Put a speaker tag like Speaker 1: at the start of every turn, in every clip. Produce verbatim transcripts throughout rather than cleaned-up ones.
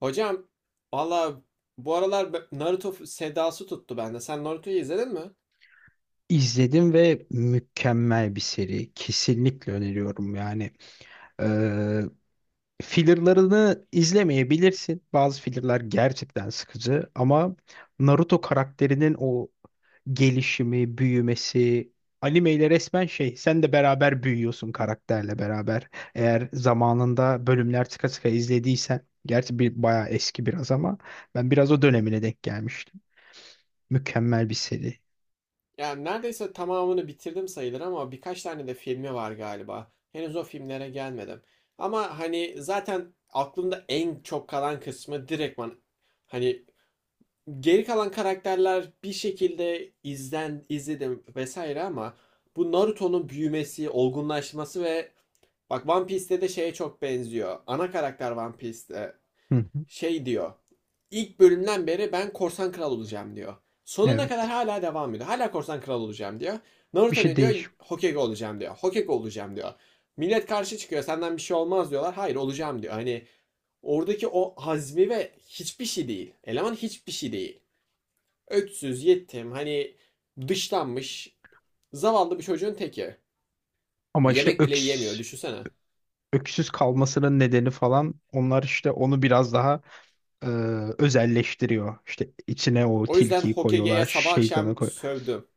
Speaker 1: Hocam valla bu aralar be- Naruto f- sedası tuttu bende. Sen Naruto'yu izledin mi?
Speaker 2: İzledim ve mükemmel bir seri. Kesinlikle öneriyorum yani. Ee, fillerlarını izlemeyebilirsin. Bazı fillerlar gerçekten sıkıcı ama Naruto karakterinin o gelişimi, büyümesi, animeyle resmen şey, sen de beraber büyüyorsun karakterle beraber. Eğer zamanında bölümler sıka sıka izlediysen, gerçi bir bayağı eski biraz ama ben biraz o dönemine denk gelmiştim. Mükemmel bir seri.
Speaker 1: Yani neredeyse tamamını bitirdim sayılır ama birkaç tane de filmi var galiba. Henüz o filmlere gelmedim. Ama hani zaten aklımda en çok kalan kısmı direktman hani geri kalan karakterler bir şekilde izlen izledim vesaire ama bu Naruto'nun büyümesi, olgunlaşması ve bak One Piece'te de şeye çok benziyor. Ana karakter One Piece'te
Speaker 2: Hı hı.
Speaker 1: şey diyor. İlk bölümden beri ben korsan kral olacağım diyor. Sonuna kadar
Speaker 2: Evet.
Speaker 1: hala devam ediyor. Hala korsan kral olacağım diyor.
Speaker 2: Bir
Speaker 1: Naruto
Speaker 2: şey
Speaker 1: ne diyor?
Speaker 2: değiş.
Speaker 1: Hokage olacağım diyor. Hokage olacağım diyor. Millet karşı çıkıyor. Senden bir şey olmaz diyorlar. Hayır olacağım diyor. Hani oradaki o hazmi ve hiçbir şey değil. Eleman hiçbir şey değil. Öksüz, yetim, hani dışlanmış, zavallı bir çocuğun teki.
Speaker 2: Ama işte
Speaker 1: Yemek bile yiyemiyor
Speaker 2: öks,
Speaker 1: düşünsene.
Speaker 2: öksüz kalmasının nedeni falan onlar işte onu biraz daha e, özelleştiriyor. İşte içine o
Speaker 1: O yüzden
Speaker 2: tilkiyi
Speaker 1: Hokage'ye
Speaker 2: koyuyorlar,
Speaker 1: sabah
Speaker 2: şeytanı
Speaker 1: akşam
Speaker 2: koyuyor.
Speaker 1: sövdüm.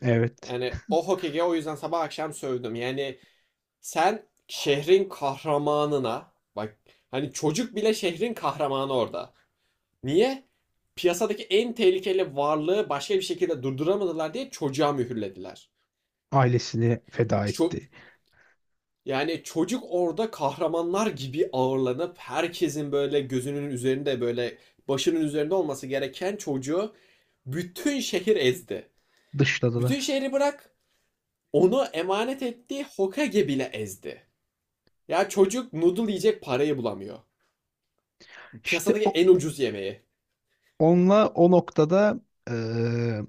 Speaker 2: Evet.
Speaker 1: Yani o Hokage'ye o yüzden sabah akşam sövdüm. Yani sen şehrin kahramanına bak, hani çocuk bile şehrin kahramanı orada. Niye? Piyasadaki en tehlikeli varlığı başka bir şekilde durduramadılar diye çocuğa mühürlediler.
Speaker 2: Ailesini feda
Speaker 1: Ço-
Speaker 2: etti.
Speaker 1: yani çocuk orada kahramanlar gibi ağırlanıp herkesin böyle gözünün üzerinde böyle başının üzerinde olması gereken çocuğu bütün şehir ezdi.
Speaker 2: Dışladılar.
Speaker 1: Bütün şehri bırak, onu emanet ettiği Hokage bile ezdi. Ya çocuk noodle yiyecek parayı bulamıyor.
Speaker 2: İşte
Speaker 1: Piyasadaki
Speaker 2: o,
Speaker 1: en ucuz yemeği.
Speaker 2: onunla o noktada eee,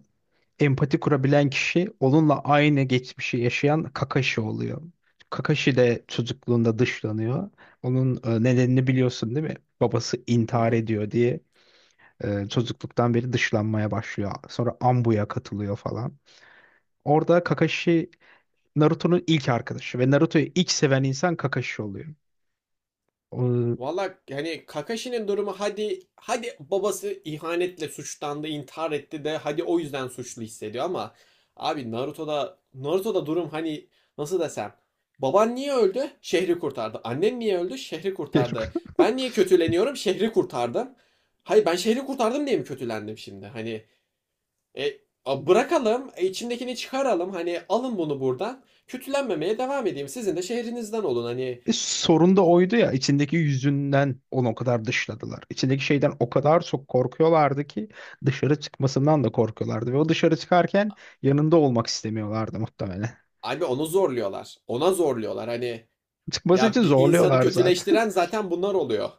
Speaker 2: empati kurabilen kişi onunla aynı geçmişi yaşayan Kakashi oluyor. Kakashi de çocukluğunda dışlanıyor. Onun e, nedenini biliyorsun değil mi? Babası intihar
Speaker 1: Mhm.
Speaker 2: ediyor diye e, çocukluktan beri dışlanmaya başlıyor. Sonra Ambu'ya katılıyor falan. Orada Kakashi Naruto'nun ilk arkadaşı ve Naruto'yu ilk seven insan Kakashi oluyor. O,
Speaker 1: Valla hani Kakashi'nin durumu hadi hadi babası ihanetle suçlandı, intihar etti de hadi o yüzden suçlu hissediyor ama abi Naruto'da Naruto'da durum hani nasıl desem baban niye öldü? Şehri kurtardı. Annen niye öldü? Şehri kurtardı. Ben niye kötüleniyorum? Şehri kurtardım. Hayır ben şehri kurtardım diye mi kötülendim şimdi? Hani e, a- bırakalım, e, içimdekini çıkaralım. Hani alın bunu buradan. Kötülenmemeye devam edeyim. Sizin de şehrinizden olun. Hani
Speaker 2: E, sorun da oydu ya içindeki yüzünden onu o kadar dışladılar. İçindeki şeyden o kadar çok korkuyorlardı ki dışarı çıkmasından da korkuyorlardı. Ve o dışarı çıkarken yanında olmak istemiyorlardı muhtemelen.
Speaker 1: abi onu zorluyorlar. Ona zorluyorlar. Hani
Speaker 2: Çıkması için
Speaker 1: ya bir insanı
Speaker 2: zorluyorlar zaten.
Speaker 1: kötüleştiren zaten bunlar oluyor.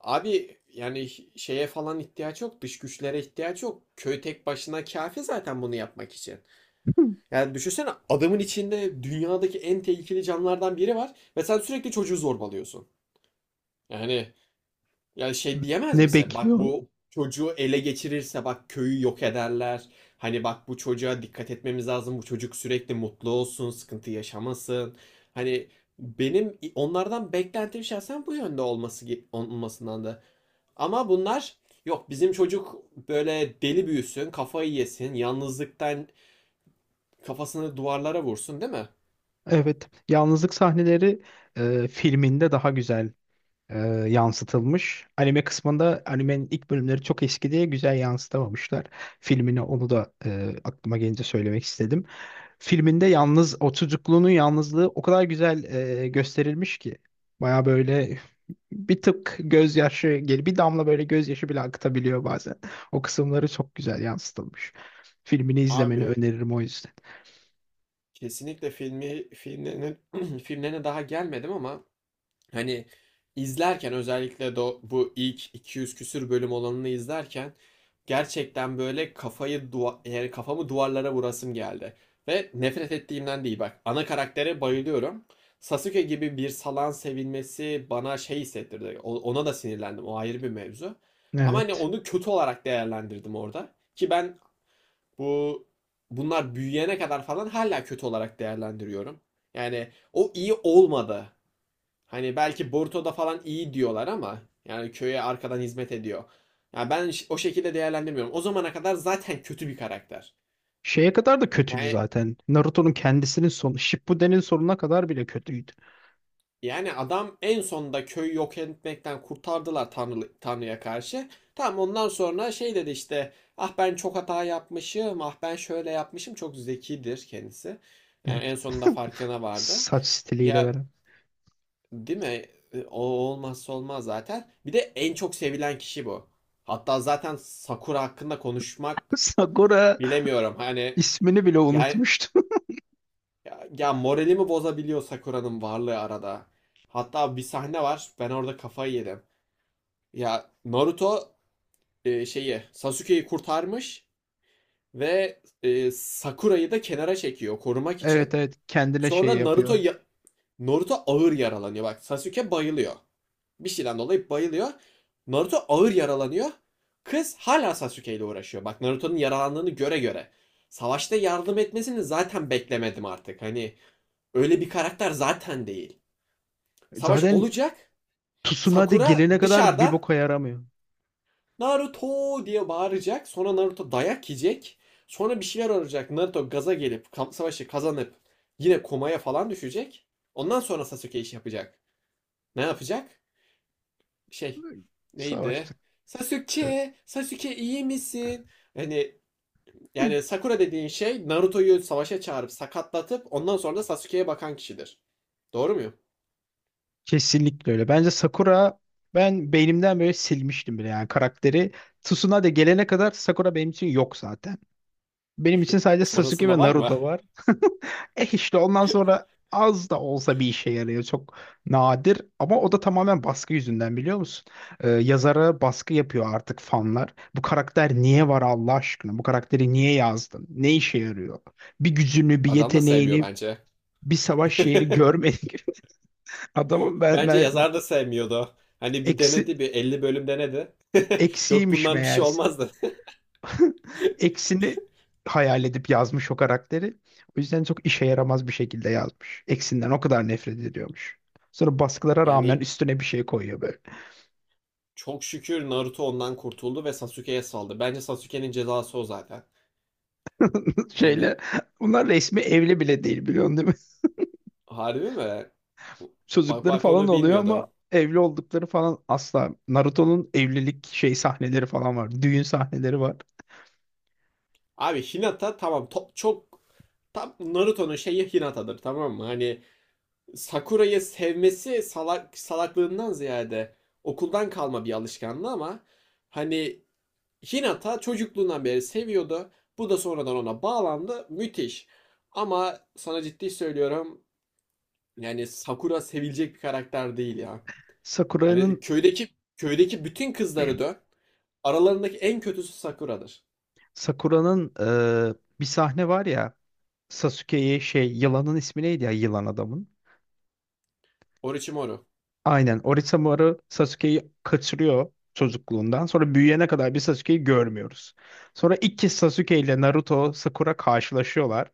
Speaker 1: Abi yani şeye falan ihtiyaç yok, dış güçlere ihtiyaç yok. Köy tek başına kafi zaten bunu yapmak için. Yani düşünsene adamın içinde dünyadaki en tehlikeli canlılardan biri var ve sen sürekli çocuğu zorbalıyorsun. Yani ya şey diyemez
Speaker 2: Ne
Speaker 1: misin? Bak
Speaker 2: bekliyorsun?
Speaker 1: bu çocuğu ele geçirirse bak köyü yok ederler. Hani bak bu çocuğa dikkat etmemiz lazım. Bu çocuk sürekli mutlu olsun, sıkıntı yaşamasın. Hani benim onlardan beklentim şahsen bu yönde olması ge- olmasından da. Ama bunlar yok bizim çocuk böyle deli büyüsün, kafayı yesin, yalnızlıktan kafasını duvarlara vursun değil mi?
Speaker 2: Evet. Yalnızlık sahneleri e, filminde daha güzel e, yansıtılmış. Anime kısmında animenin ilk bölümleri çok eski diye güzel yansıtamamışlar. Filmini onu da e, aklıma gelince söylemek istedim. Filminde yalnız o çocukluğunun yalnızlığı o kadar güzel e, gösterilmiş ki. Baya böyle bir tık gözyaşı gel bir damla böyle gözyaşı bile akıtabiliyor bazen. O kısımları çok güzel yansıtılmış. Filmini izlemeni
Speaker 1: Abi
Speaker 2: öneririm o yüzden.
Speaker 1: kesinlikle filmi filmlerine filmlerine daha gelmedim ama hani izlerken özellikle do- bu ilk iki yüz küsür bölüm olanını izlerken gerçekten böyle kafayı duva yani kafamı duvarlara vurasım geldi. Ve nefret ettiğimden değil bak. Ana karaktere bayılıyorum. Sasuke gibi bir salan sevilmesi bana şey hissettirdi. O- Ona da sinirlendim. O ayrı bir mevzu. Ama hani
Speaker 2: Evet.
Speaker 1: onu kötü olarak değerlendirdim orada. Ki ben bu bunlar büyüyene kadar falan hala kötü olarak değerlendiriyorum. Yani o iyi olmadı. Hani belki Boruto'da falan iyi diyorlar ama yani köye arkadan hizmet ediyor. Yani ben ş- o şekilde değerlendirmiyorum. O zamana kadar zaten kötü bir karakter.
Speaker 2: Şeye kadar da kötüydü
Speaker 1: Yani
Speaker 2: zaten. Naruto'nun kendisinin sonu, Shippuden'in sonuna kadar bile kötüydü.
Speaker 1: yani adam en sonunda köyü yok etmekten kurtardılar Tanrı, Tanrı'ya karşı. Tamam ondan sonra şey dedi işte ah ben çok hata yapmışım ah ben şöyle yapmışım çok zekidir kendisi. Yani en
Speaker 2: Evet.
Speaker 1: sonunda farkına vardı.
Speaker 2: Saç stiliyle
Speaker 1: Ya
Speaker 2: veren.
Speaker 1: değil mi? E, o olmazsa olmaz zaten. Bir de en çok sevilen kişi bu. Hatta zaten Sakura hakkında konuşmak
Speaker 2: Sakura
Speaker 1: bilemiyorum. Hani
Speaker 2: ismini bile
Speaker 1: yani
Speaker 2: unutmuştu.
Speaker 1: ya, ya moralimi bozabiliyor Sakura'nın varlığı arada. Hatta bir sahne var. Ben orada kafayı yedim. Ya Naruto e, şeyi Sasuke'yi kurtarmış ve e, Sakura'yı da kenara çekiyor korumak
Speaker 2: Evet,
Speaker 1: için.
Speaker 2: evet, kendine şey
Speaker 1: Sonra Naruto
Speaker 2: yapıyor.
Speaker 1: ya- Naruto ağır yaralanıyor. Bak Sasuke bayılıyor. Bir şeyden dolayı bayılıyor. Naruto ağır yaralanıyor. Kız hala Sasuke ile uğraşıyor. Bak Naruto'nun yaralandığını göre göre. Savaşta yardım etmesini zaten beklemedim artık. Hani öyle bir karakter zaten değil. Savaş
Speaker 2: Zaten
Speaker 1: olacak.
Speaker 2: Tsunade
Speaker 1: Sakura
Speaker 2: gelene kadar bir
Speaker 1: dışarıdan
Speaker 2: boka yaramıyor.
Speaker 1: Naruto diye bağıracak. Sonra Naruto dayak yiyecek. Sonra bir şeyler olacak. Naruto gaza gelip kam- savaşı kazanıp yine komaya falan düşecek. Ondan sonra Sasuke iş yapacak. Ne yapacak? Şey neydi?
Speaker 2: Savaştık. Evet.
Speaker 1: Sasuke, Sasuke iyi misin? Hani yani Sakura dediğin şey Naruto'yu savaşa çağırıp sakatlatıp ondan sonra da Sasuke'ye bakan kişidir. Doğru muyum?
Speaker 2: Kesinlikle öyle. Bence Sakura ben beynimden böyle silmiştim bile yani karakteri. Tsunade gelene kadar Sakura benim için yok zaten. Benim için sadece Sasuke
Speaker 1: Sonrasında
Speaker 2: ve
Speaker 1: var mı?
Speaker 2: Naruto var. Eh işte ondan sonra az da olsa bir işe yarıyor. Çok nadir ama o da tamamen baskı yüzünden biliyor musun? Ee, yazara baskı yapıyor artık fanlar. Bu karakter niye var Allah aşkına? Bu karakteri niye yazdın? Ne işe yarıyor? Bir gücünü, bir
Speaker 1: Adam da sevmiyor
Speaker 2: yeteneğini,
Speaker 1: bence.
Speaker 2: bir savaş şeyini görmedik. Adamın ben,
Speaker 1: Bence
Speaker 2: ben
Speaker 1: yazar da sevmiyordu. Hani bir
Speaker 2: eksi,
Speaker 1: denedi bir elli bölüm denedi. Yok
Speaker 2: eksiymiş
Speaker 1: bundan bir şey
Speaker 2: meğerse.
Speaker 1: olmazdı.
Speaker 2: Eksini hayal edip yazmış o karakteri. O yüzden çok işe yaramaz bir şekilde yazmış. Eksinden o kadar nefret ediyormuş. Sonra baskılara rağmen
Speaker 1: Yani
Speaker 2: üstüne bir şey koyuyor böyle.
Speaker 1: çok şükür Naruto ondan kurtuldu ve Sasuke'ye saldı. Bence Sasuke'nin cezası o zaten.
Speaker 2: Şeyle.
Speaker 1: Yani
Speaker 2: Bunlar resmi evli bile değil biliyorsun değil mi?
Speaker 1: harbi mi? Bak
Speaker 2: Çocukları
Speaker 1: bak
Speaker 2: falan
Speaker 1: onu
Speaker 2: oluyor ama
Speaker 1: bilmiyordum.
Speaker 2: evli oldukları falan asla. Naruto'nun evlilik şey sahneleri falan var. Düğün sahneleri var.
Speaker 1: Abi Hinata tamam top çok tam Naruto'nun şeyi Hinata'dır tamam mı? Hani Sakura'yı sevmesi salak salaklığından ziyade okuldan kalma bir alışkanlığı ama hani Hinata çocukluğundan beri seviyordu. Bu da sonradan ona bağlandı. Müthiş. Ama sana ciddi söylüyorum yani Sakura sevilecek bir karakter değil ya. Yani
Speaker 2: Sakura'nın
Speaker 1: köydeki köydeki bütün kızları dön. Aralarındaki en kötüsü Sakura'dır.
Speaker 2: Sakura'nın eee, bir sahne var ya Sasuke'ye şey yılanın ismi neydi ya yılan adamın?
Speaker 1: Orochimaru.
Speaker 2: Aynen Orochimaru Sasuke'yi kaçırıyor çocukluğundan. Sonra büyüyene kadar bir Sasuke'yi görmüyoruz. Sonra ilk kez Sasuke ile Naruto Sakura karşılaşıyorlar.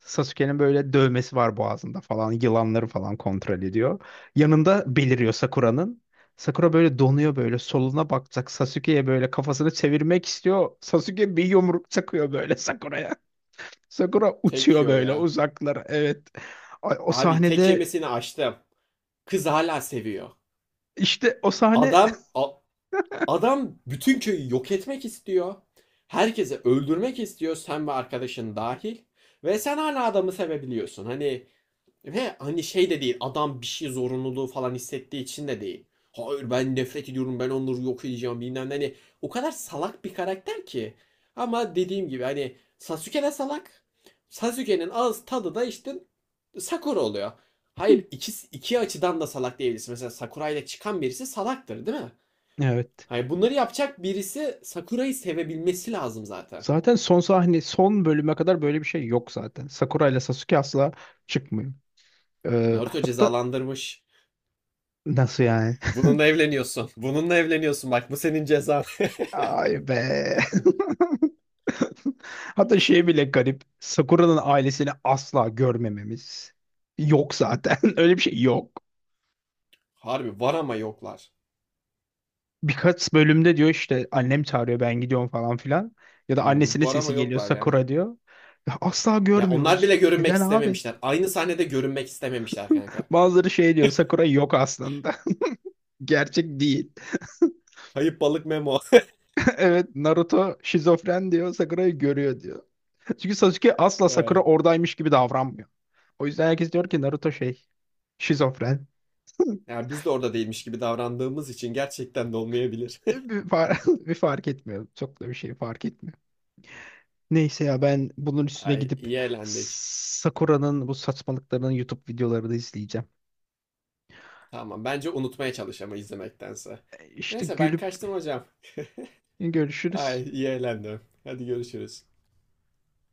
Speaker 2: Sasuke'nin böyle dövmesi var boğazında falan. Yılanları falan kontrol ediyor. Yanında beliriyor Sakura'nın. Sakura böyle donuyor böyle soluna bakacak. Sasuke'ye böyle kafasını çevirmek istiyor. Sasuke bir yumruk çakıyor böyle Sakura'ya. Sakura uçuyor
Speaker 1: Tekyo
Speaker 2: böyle
Speaker 1: ya.
Speaker 2: uzaklara. Evet. Ay, o
Speaker 1: Abi tek
Speaker 2: sahnede
Speaker 1: yemesini açtım. Kız hala seviyor.
Speaker 2: işte o sahne
Speaker 1: Adam a- adam bütün köyü yok etmek istiyor. Herkese öldürmek istiyor sen ve arkadaşın dahil. Ve sen hala adamı sevebiliyorsun. Hani ve hani şey de değil adam bir şey zorunluluğu falan hissettiği için de değil. Hayır ben nefret ediyorum ben onları yok edeceğim bilmem ne. Hani o kadar salak bir karakter ki. Ama dediğim gibi hani Sasuke de salak. Sasuke'nin ağız tadı da işte Sakura oluyor. Hayır iki, iki açıdan da salak diyebilirsin. Mesela Sakura ile çıkan birisi salaktır değil mi?
Speaker 2: Evet.
Speaker 1: Hayır bunları yapacak birisi Sakura'yı sevebilmesi lazım zaten.
Speaker 2: Zaten son sahne, son bölüme kadar böyle bir şey yok zaten. Sakura ile Sasuke asla çıkmıyor. Ee,
Speaker 1: Naruto
Speaker 2: hatta
Speaker 1: cezalandırmış.
Speaker 2: nasıl yani?
Speaker 1: Bununla evleniyorsun. Bununla evleniyorsun bak bu senin cezan.
Speaker 2: Ay be. Hatta şey bile garip. Sakura'nın ailesini asla görmememiz. Yok zaten. Öyle bir şey yok.
Speaker 1: Harbi var ama yoklar.
Speaker 2: Birkaç bölümde diyor işte annem çağırıyor ben gidiyorum falan filan. Ya da
Speaker 1: Hmm,
Speaker 2: annesinin
Speaker 1: var ama
Speaker 2: sesi geliyor
Speaker 1: yoklar yani.
Speaker 2: Sakura diyor. Ya asla
Speaker 1: Ya onlar
Speaker 2: görmüyoruz.
Speaker 1: bile görünmek
Speaker 2: Neden abi?
Speaker 1: istememişler. Aynı sahnede görünmek istememişler kanka.
Speaker 2: Bazıları şey diyor Sakura yok aslında. Gerçek değil.
Speaker 1: Kayıp balık Memo.
Speaker 2: Evet Naruto şizofren diyor Sakura'yı görüyor diyor. Çünkü Sasuke asla Sakura
Speaker 1: Ay.
Speaker 2: oradaymış gibi davranmıyor. O yüzden herkes diyor ki Naruto şey şizofren.
Speaker 1: Ya biz de orada değilmiş gibi davrandığımız için gerçekten de olmayabilir.
Speaker 2: Bir, far bir fark etmiyor. Çok da bir şey fark etmiyor. Neyse ya ben bunun üstüne
Speaker 1: Ay
Speaker 2: gidip
Speaker 1: iyi eğlendik.
Speaker 2: Sakura'nın bu saçmalıklarının YouTube videolarını izleyeceğim.
Speaker 1: Tamam bence unutmaya çalış ama izlemektense.
Speaker 2: İşte
Speaker 1: Neyse ben
Speaker 2: gülüp
Speaker 1: kaçtım hocam. Ay
Speaker 2: görüşürüz.
Speaker 1: iyi eğlendim. Hadi görüşürüz.